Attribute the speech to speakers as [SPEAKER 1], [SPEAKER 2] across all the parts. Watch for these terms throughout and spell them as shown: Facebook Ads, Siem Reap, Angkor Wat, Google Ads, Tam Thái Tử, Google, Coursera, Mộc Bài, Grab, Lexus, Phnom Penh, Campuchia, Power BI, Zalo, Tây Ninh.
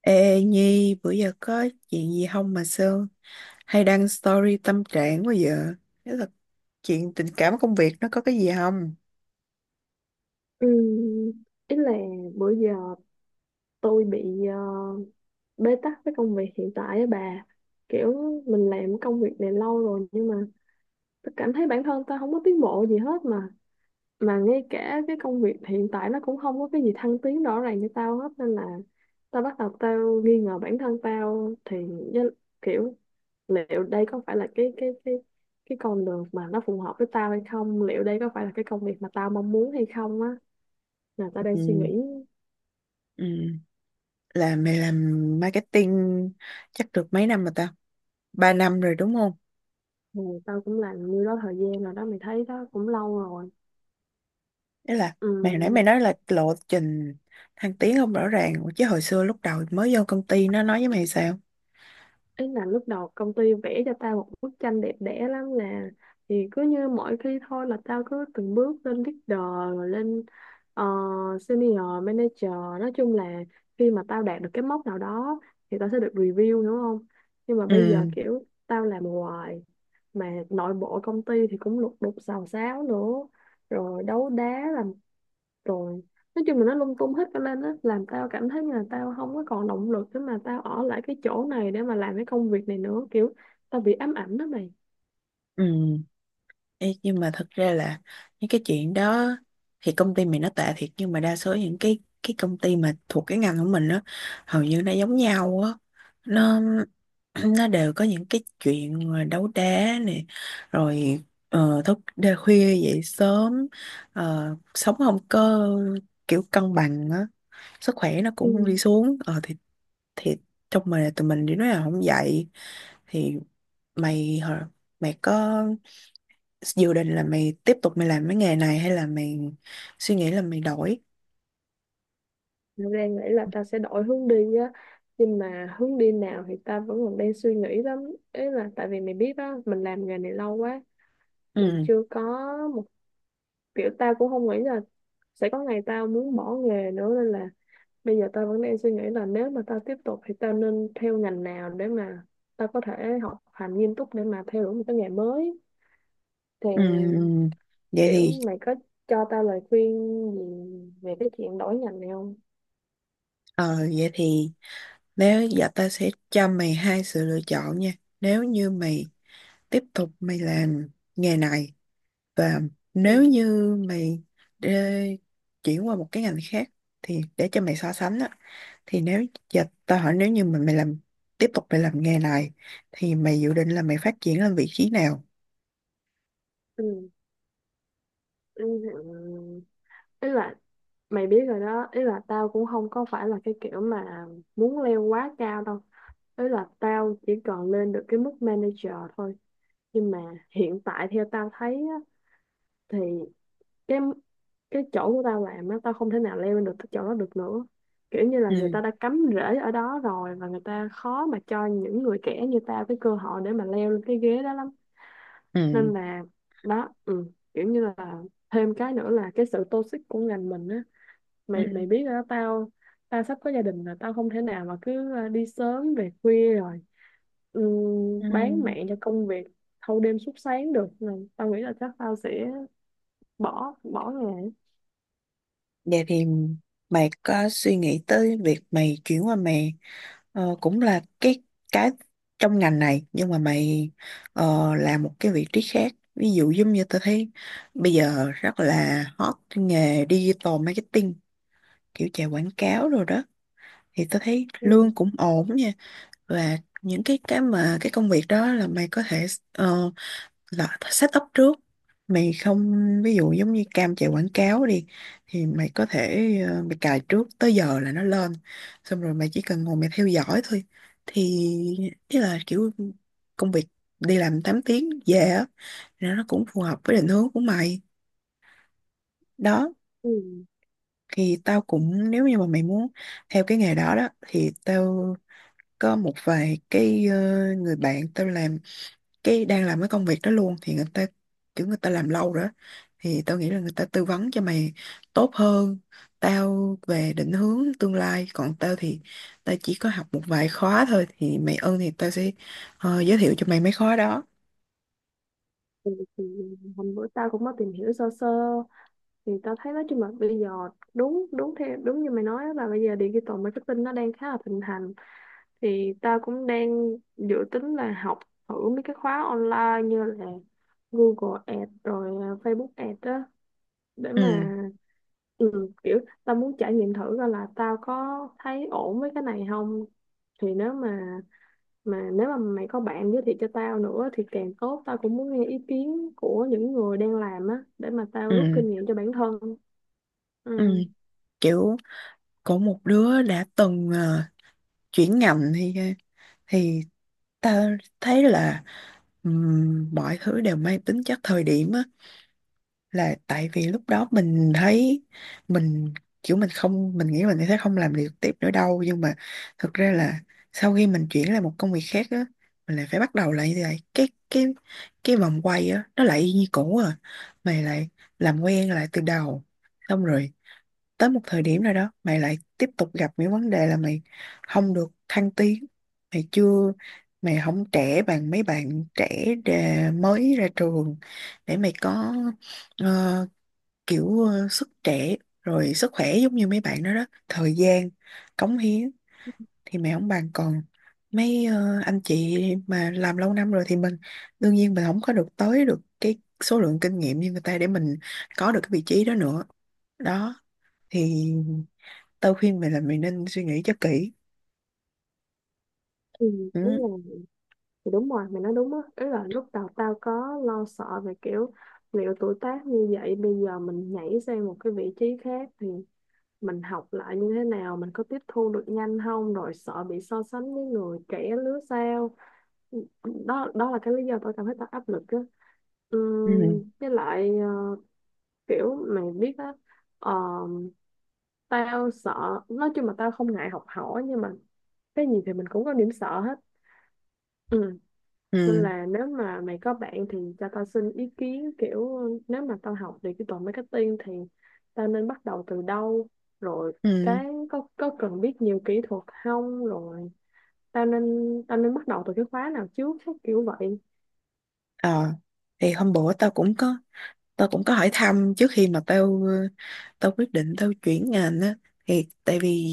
[SPEAKER 1] Ê Nhi, bữa giờ có chuyện gì không mà Sương hay đăng story tâm trạng quá giờ? Thế là chuyện tình cảm công việc nó có cái gì không?
[SPEAKER 2] Ừm, ý là Bữa giờ tôi bị bế tắc với công việc hiện tại á bà, kiểu mình làm công việc này lâu rồi, nhưng mà tôi cảm thấy bản thân tôi không có tiến bộ gì hết, mà ngay cả cái công việc hiện tại nó cũng không có cái gì thăng tiến rõ ràng cho tao hết, nên là tao bắt đầu tao nghi ngờ bản thân tao thì với- kiểu liệu đây có phải là cái con đường mà nó phù hợp với tao hay không, liệu đây có phải là cái công việc mà tao mong muốn hay không á, là tao đang suy
[SPEAKER 1] Ừ,
[SPEAKER 2] nghĩ.
[SPEAKER 1] ừ. Là mày làm marketing chắc được mấy năm rồi ta? 3 năm rồi đúng không?
[SPEAKER 2] Ừ, tao cũng làm như đó thời gian rồi đó mày, thấy đó cũng lâu rồi.
[SPEAKER 1] Thế là
[SPEAKER 2] Ừ,
[SPEAKER 1] mày hồi nãy mày nói là lộ trình thăng tiến không rõ ràng. Ủa, chứ hồi xưa lúc đầu mới vô công ty nó nói với mày sao?
[SPEAKER 2] ý là lúc đầu công ty vẽ cho tao một bức tranh đẹp đẽ lắm nè, thì cứ như mỗi khi thôi là tao cứ từng bước lên leader, rồi lên ờ, senior manager, nói chung là khi mà tao đạt được cái mốc nào đó thì tao sẽ được review, đúng không. Nhưng mà bây giờ
[SPEAKER 1] Ừ,
[SPEAKER 2] kiểu tao làm hoài mà nội bộ công ty thì cũng lục đục xào xáo nữa, rồi đấu đá làm, rồi nói chung là nó lung tung hết cả lên á, làm tao cảm thấy như là tao không có còn động lực để mà tao ở lại cái chỗ này để mà làm cái công việc này nữa, kiểu tao bị ám ảnh đó mày.
[SPEAKER 1] ừ. Ê, nhưng mà thật ra là những cái chuyện đó thì công ty mình nó tệ thiệt, nhưng mà đa số những cái công ty mà thuộc cái ngành của mình á hầu như nó giống nhau á, nó nó đều có những cái chuyện mà đấu đá này, rồi thức đêm khuya dậy sớm, sống không có kiểu cân bằng á, sức khỏe nó
[SPEAKER 2] Ừ.
[SPEAKER 1] cũng đi xuống, thì trong mình tụi mình thì nói là không dậy thì mày hả- mày có dự định là mày tiếp tục mày làm cái nghề này hay là mày suy nghĩ là mày đổi?
[SPEAKER 2] Tao đang nghĩ là tao sẽ đổi hướng đi á, nhưng mà hướng đi nào thì tao vẫn còn đang suy nghĩ lắm. Ý là tại vì mày biết á, mình làm nghề này lâu quá, mình
[SPEAKER 1] Ừ.
[SPEAKER 2] chưa có một, kiểu tao cũng không nghĩ là sẽ có ngày tao muốn bỏ nghề nữa, nên là bây giờ tao vẫn đang suy nghĩ là nếu mà tao tiếp tục thì tao nên theo ngành nào để mà tao có thể học hành nghiêm túc để mà theo đuổi một cái nghề mới, thì
[SPEAKER 1] Ừ. Vậy
[SPEAKER 2] kiểu
[SPEAKER 1] thì
[SPEAKER 2] mày có cho tao lời khuyên gì về cái chuyện đổi ngành này không?
[SPEAKER 1] ờ vậy thì nếu giờ ta sẽ cho mày hai sự lựa chọn nha, nếu như mày tiếp tục mày làm nghề này và
[SPEAKER 2] Ừ.
[SPEAKER 1] nếu như mày đê- chuyển qua một cái ngành khác thì để cho mày so sánh á, thì nếu giờ tao hỏi nếu như mà mày làm tiếp tục mày làm nghề này thì mày dự định là mày phát triển lên vị trí nào?
[SPEAKER 2] Ừ. Ừ. Ừ, ý là mày biết rồi đó, ý là tao cũng không có phải là cái kiểu mà muốn leo quá cao đâu, ý là tao chỉ còn lên được cái mức manager thôi. Nhưng mà hiện tại theo tao thấy á, thì cái cái chỗ của tao làm á, tao không thể nào leo lên được cái chỗ đó được nữa, kiểu như là người ta
[SPEAKER 1] Ừ,
[SPEAKER 2] đã cắm rễ ở đó rồi và người ta khó mà cho những người trẻ như tao cái cơ hội để mà leo lên cái ghế đó lắm,
[SPEAKER 1] ừ,
[SPEAKER 2] nên là đó. Ừ, kiểu như là thêm cái nữa là cái sự toxic của ngành mình á, mày
[SPEAKER 1] ừ.
[SPEAKER 2] mày biết rồi đó, tao tao sắp có gia đình rồi, tao không thể nào mà cứ đi sớm về khuya rồi, ừ,
[SPEAKER 1] Ừ.
[SPEAKER 2] bán mạng cho công việc thâu đêm suốt sáng được. Nên tao nghĩ là chắc tao sẽ bỏ bỏ nghề.
[SPEAKER 1] Vậy thì mày có suy nghĩ tới việc mày chuyển qua mày cũng là cái trong ngành này nhưng mà mày làm một cái vị trí khác, ví dụ giống như tao thấy bây giờ rất là hot cái nghề digital marketing, kiểu chạy quảng cáo rồi đó, thì tao thấy
[SPEAKER 2] Ừ.
[SPEAKER 1] lương cũng ổn nha, và những cái mà cái công việc đó là mày có thể ờ, là set up trước, mày không, ví dụ giống như cam chạy quảng cáo đi thì mày có thể mày cài trước tới giờ là nó lên, xong rồi mày chỉ cần ngồi mày theo dõi thôi, thì ý là kiểu công việc đi làm 8 tiếng về á thì nó cũng phù hợp với định hướng của mày đó.
[SPEAKER 2] Ừ.
[SPEAKER 1] Thì tao cũng nếu như mà mày muốn theo cái nghề đó đó thì tao có một vài cái người bạn tao làm cái đang làm cái công việc đó luôn, thì người ta kiểu người ta làm lâu rồi đó, thì tao nghĩ là người ta tư vấn cho mày tốt hơn tao về định hướng tương lai, còn tao thì tao chỉ có học một vài khóa thôi, thì mày ơn thì tao sẽ giới thiệu cho mày mấy khóa đó.
[SPEAKER 2] Thì hôm bữa tao cũng có tìm hiểu sơ sơ, thì tao thấy đó chung mà bây giờ đúng đúng theo đúng như mày nói á, là bây giờ digital marketing nó đang khá là thịnh hành, thì tao cũng đang dự tính là học thử mấy cái khóa online như là Google Ads rồi à, Facebook Ads á, để mà
[SPEAKER 1] Ừ,
[SPEAKER 2] ừ, kiểu tao muốn trải nghiệm thử coi là tao có thấy ổn với cái này không. Thì nếu mà nếu mà mày có bạn giới thiệu cho tao nữa thì càng tốt, tao cũng muốn nghe ý kiến của những người đang làm á, để mà tao rút
[SPEAKER 1] ừ,
[SPEAKER 2] kinh nghiệm cho bản thân.
[SPEAKER 1] ừ.
[SPEAKER 2] Ừ.
[SPEAKER 1] Kiểu có một đứa đã từng chuyển ngành thì thì tao thấy là mọi thứ đều mang tính chất thời điểm á, là tại vì lúc đó mình thấy mình kiểu mình nghĩ mình sẽ không làm được tiếp nữa đâu, nhưng mà thực ra là sau khi mình chuyển lại một công việc khác á, mình lại phải bắt đầu lại như vậy, cái vòng quay á nó lại y như cũ à, mày lại làm quen lại từ đầu, xong rồi tới một thời điểm nào đó mày lại tiếp tục gặp những vấn đề là mày không được thăng tiến, mày chưa mày không trẻ bằng mấy bạn trẻ mới ra trường để mày có ờ, sức trẻ rồi sức khỏe giống như mấy bạn đó đó, thời gian cống hiến thì mẹ không bằng, còn mấy anh chị mà làm lâu năm rồi thì mình đương nhiên mình không có được tới được cái số lượng kinh nghiệm như người ta để mình có được cái vị trí đó nữa đó, thì tao khuyên mày là mày nên suy nghĩ cho kỹ.
[SPEAKER 2] Ừ, đúng
[SPEAKER 1] Ừ,
[SPEAKER 2] rồi. Thì đúng rồi, mày nói đúng á. Ý là lúc đầu tao có lo sợ về kiểu liệu tuổi tác như vậy, bây giờ mình nhảy sang một cái vị trí khác thì mình học lại như thế nào, mình có tiếp thu được nhanh không, rồi sợ bị so sánh với người trẻ lứa sau. Đó đó là cái lý do tao cảm thấy tao áp lực á. Ừ,
[SPEAKER 1] ừ,
[SPEAKER 2] với lại kiểu mày biết á, ờ, tao sợ, nói chung là tao không ngại học hỏi nhưng mà cái gì thì mình cũng có điểm sợ hết. Ừ. Nên
[SPEAKER 1] ừ,
[SPEAKER 2] là nếu mà mày có bạn thì cho tao xin ý kiến, kiểu nếu mà tao học digital marketing thì tao nên bắt đầu từ đâu, rồi
[SPEAKER 1] ừ.
[SPEAKER 2] cái có cần biết nhiều kỹ thuật không, rồi tao nên tao nên bắt đầu từ cái khóa nào trước, cái kiểu vậy.
[SPEAKER 1] ờ thì hôm bữa tao cũng có hỏi thăm trước khi mà tao quyết định tao chuyển ngành á, thì tại vì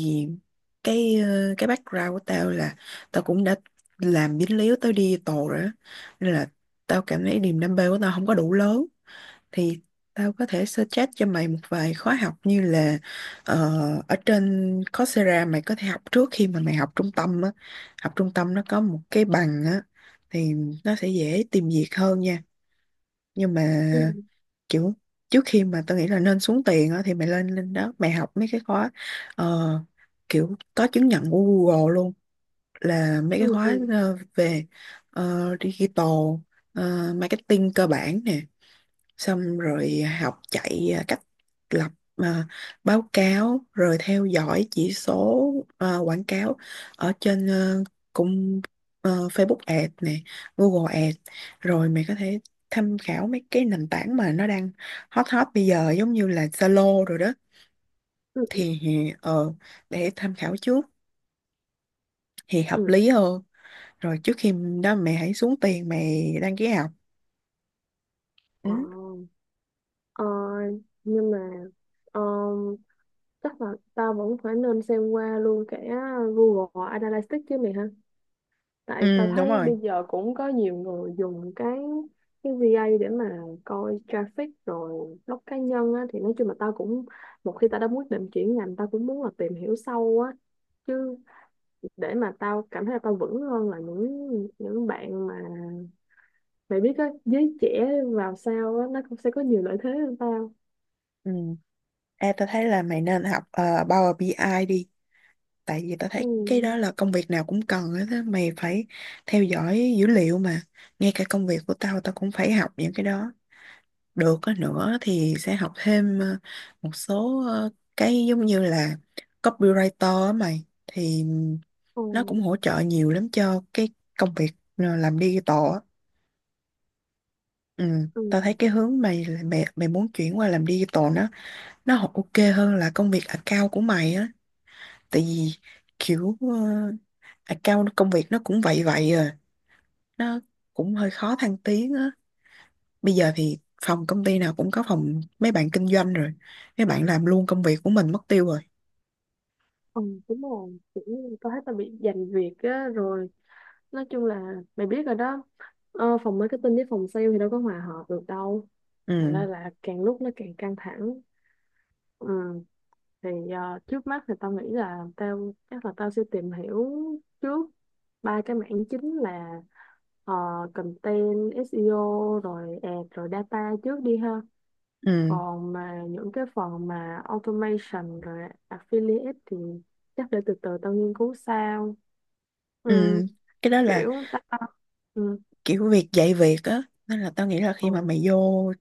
[SPEAKER 1] cái background của tao là tao cũng đã làm dính líu tới đi tù rồi á, nên là tao cảm thấy niềm đam mê của tao không có đủ lớn, thì tao có thể suggest cho mày một vài khóa học như là ờ, ở trên Coursera mày có thể học trước khi mà mày học trung tâm á, học trung tâm nó có một cái bằng á thì nó sẽ dễ tìm việc hơn nha, nhưng mà
[SPEAKER 2] Ừ.
[SPEAKER 1] kiểu trước khi mà tôi nghĩ là nên xuống tiền á thì mày lên lên đó mày học mấy cái khóa ờ, kiểu có chứng nhận của Google luôn, là mấy cái
[SPEAKER 2] Ừ.
[SPEAKER 1] khóa
[SPEAKER 2] Ừ.
[SPEAKER 1] về digital marketing cơ bản nè, xong rồi học chạy cách lập à, báo cáo rồi theo dõi chỉ số quảng cáo ở trên cung Facebook Ads nè, Google Ads, rồi mày có thể tham khảo mấy cái nền tảng mà nó đang hot hot bây giờ giống như là Zalo rồi đó,
[SPEAKER 2] Ừ. Ừ,
[SPEAKER 1] thì ờ, để tham khảo trước thì hợp
[SPEAKER 2] ừ.
[SPEAKER 1] lý hơn rồi trước khi đó mẹ hãy xuống tiền mày đăng ký học. Ừ,
[SPEAKER 2] Ờ, ờ, nhưng mà ờ, chắc là tao vẫn phải nên xem qua luôn cả Google Analytics chứ mày ha, tại tao
[SPEAKER 1] ừ đúng
[SPEAKER 2] thấy
[SPEAKER 1] rồi.
[SPEAKER 2] bây giờ cũng có nhiều người dùng cái VA để mà coi traffic rồi blog cá nhân á, thì nói chung là tao cũng, một khi tao đã quyết định chuyển ngành tao cũng muốn là tìm hiểu sâu á, chứ để mà tao cảm thấy là tao vững hơn là những bạn mà, mày biết á, giới trẻ vào sau á nó cũng sẽ có nhiều lợi thế hơn tao.
[SPEAKER 1] Ừ. Ê, tao thấy là mày nên học Power BI ai đi, tại vì tao thấy cái
[SPEAKER 2] Ừ.
[SPEAKER 1] đó là công việc nào cũng cần hết á, mày phải theo dõi dữ liệu mà, ngay cả công việc của tao tao cũng phải học những cái đó, được á nữa thì sẽ học thêm một số cái giống như là copywriter á mày, thì
[SPEAKER 2] Ừ.
[SPEAKER 1] nó cũng hỗ trợ nhiều lắm cho cái công việc làm digital á. Ừ.
[SPEAKER 2] Ừ.
[SPEAKER 1] Tao thấy cái hướng mày mày mày muốn chuyển qua làm digital nó ok hơn là công việc account của mày á, tại vì kiểu account công việc nó cũng vậy vậy à, nó cũng hơi khó thăng tiến á, bây giờ thì phòng công ty nào cũng có phòng mấy bạn kinh doanh rồi, mấy bạn làm luôn công việc của mình mất tiêu rồi.
[SPEAKER 2] Ừ, đúng rồi, kiểu như tao thấy tao bị giành việc á, rồi nói chung là mày biết rồi đó, phòng marketing với phòng sale thì đâu có hòa hợp được đâu, thành ra
[SPEAKER 1] Ừ,
[SPEAKER 2] là càng lúc nó càng căng thẳng. Ừ, thì trước mắt thì tao nghĩ là tao, chắc là tao sẽ tìm hiểu trước ba cái mảng chính là ờ, content SEO rồi ad rồi data trước đi ha.
[SPEAKER 1] ừ,
[SPEAKER 2] Còn mà những cái phần mà automation rồi affiliate thì chắc để từ từ tao nghiên cứu sao. Ừ,
[SPEAKER 1] ừ. Cái đó là
[SPEAKER 2] kiểu tao, ừ,
[SPEAKER 1] kiểu việc dạy việc á, nên là tao nghĩ là khi mà
[SPEAKER 2] ừ,
[SPEAKER 1] mày vô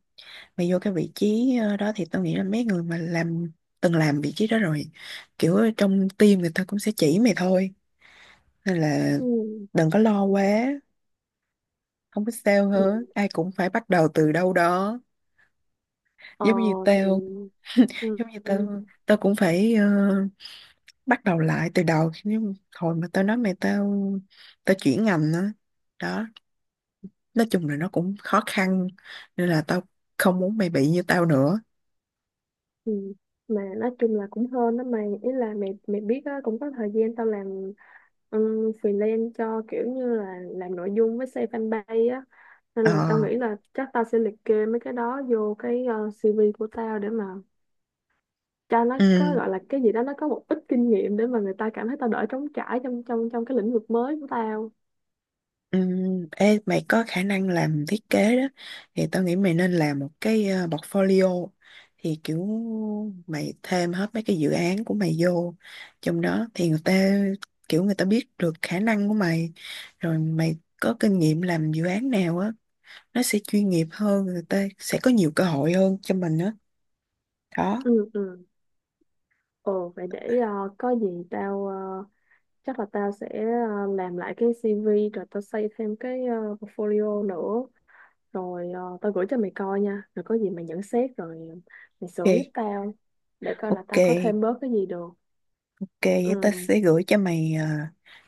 [SPEAKER 1] mày vô cái vị trí đó thì tao nghĩ là mấy người mà từng làm vị trí đó rồi, kiểu ở trong team người ta cũng sẽ chỉ mày thôi, nên là
[SPEAKER 2] ừ,
[SPEAKER 1] đừng có lo quá, không biết sao
[SPEAKER 2] ừ.
[SPEAKER 1] hết, ai cũng phải bắt đầu từ đâu đó,
[SPEAKER 2] Ờ
[SPEAKER 1] giống như
[SPEAKER 2] thì
[SPEAKER 1] tao
[SPEAKER 2] ừ,
[SPEAKER 1] giống như
[SPEAKER 2] ừ,
[SPEAKER 1] tao tao cũng phải bắt đầu lại từ đầu, nhưng hồi mà tao nói mày tao tao chuyển ngành đó đó, nói chung là nó cũng khó khăn, nên là tao không muốn mày bị như tao nữa.
[SPEAKER 2] ừ. Mà nói chung là cũng hơn đó mày, ý là mày mày biết á, cũng có thời gian tao làm um, freelance cho, kiểu như là làm nội dung với xây fanpage á, nên
[SPEAKER 1] Ờ,
[SPEAKER 2] là tao nghĩ là chắc tao sẽ liệt kê mấy cái đó vô cái CV của tao, để mà cho nó có
[SPEAKER 1] ừ.
[SPEAKER 2] gọi là cái gì đó, nó có một ít kinh nghiệm để mà người ta cảm thấy tao đỡ trống trải trong trong trong cái lĩnh vực mới của tao.
[SPEAKER 1] Ê, mày có khả năng làm thiết kế đó, thì tao nghĩ mày nên làm một cái portfolio, thì kiểu mày thêm hết mấy cái dự án của mày vô trong đó thì người ta kiểu người ta biết được khả năng của mày, rồi mày có kinh nghiệm làm dự án nào á, nó sẽ chuyên nghiệp hơn, người ta sẽ có nhiều cơ hội hơn cho mình đó đó.
[SPEAKER 2] Ừ. Ừ. Ồ vậy để có gì tao chắc là tao sẽ làm lại cái CV, rồi tao xây thêm cái portfolio nữa, rồi tao gửi cho mày coi nha, rồi có gì mày nhận xét, rồi mày sửa giúp
[SPEAKER 1] Ok,
[SPEAKER 2] tao để coi là
[SPEAKER 1] ok,
[SPEAKER 2] tao có thêm bớt cái gì được.
[SPEAKER 1] ok, vậy ta
[SPEAKER 2] Ừ.
[SPEAKER 1] sẽ gửi cho mày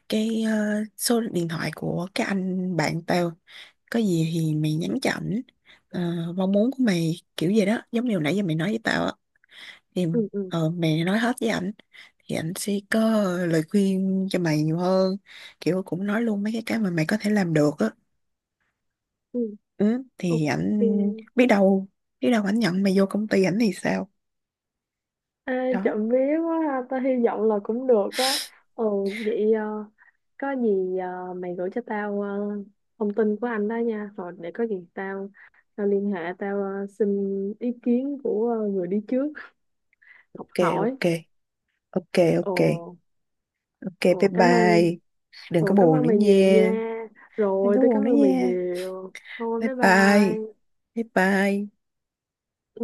[SPEAKER 1] cái số điện thoại của cái anh bạn tao, có gì thì mày nhắn cho ảnh Ờ, mong muốn của mày kiểu gì đó giống như hồi nãy giờ mày nói với tao á, thì
[SPEAKER 2] Ừ. Ừ.
[SPEAKER 1] mày nói hết với ảnh thì ảnh sẽ có lời khuyên cho mày nhiều hơn, kiểu cũng nói luôn mấy cái mà mày có thể làm được á,
[SPEAKER 2] Ừ.
[SPEAKER 1] ừ, thì
[SPEAKER 2] Ok.
[SPEAKER 1] ảnh biết đâu biết đâu ảnh nhận mày vô công ty ảnh thì sao
[SPEAKER 2] À,
[SPEAKER 1] đó.
[SPEAKER 2] trộm vía quá ha. Tao hy vọng là cũng được á. Ừ. Vậy có gì mày gửi cho tao thông tin của anh đó nha, rồi để có gì tao tao liên hệ, tao xin ý kiến của người đi trước, học
[SPEAKER 1] Ok,
[SPEAKER 2] hỏi.
[SPEAKER 1] ok, ok,
[SPEAKER 2] Ồ.
[SPEAKER 1] ok, ok, bye
[SPEAKER 2] Ồ, cảm ơn.
[SPEAKER 1] bye. Đừng có
[SPEAKER 2] Ồ, cảm
[SPEAKER 1] buồn
[SPEAKER 2] ơn
[SPEAKER 1] nữa
[SPEAKER 2] mày nhiều nha,
[SPEAKER 1] nha. Đừng
[SPEAKER 2] rồi
[SPEAKER 1] có
[SPEAKER 2] tôi
[SPEAKER 1] buồn
[SPEAKER 2] cảm
[SPEAKER 1] nữa
[SPEAKER 2] ơn mày
[SPEAKER 1] nha.
[SPEAKER 2] nhiều, thôi
[SPEAKER 1] Bye
[SPEAKER 2] bye
[SPEAKER 1] bye,
[SPEAKER 2] bye.
[SPEAKER 1] bye bye.
[SPEAKER 2] Ừ.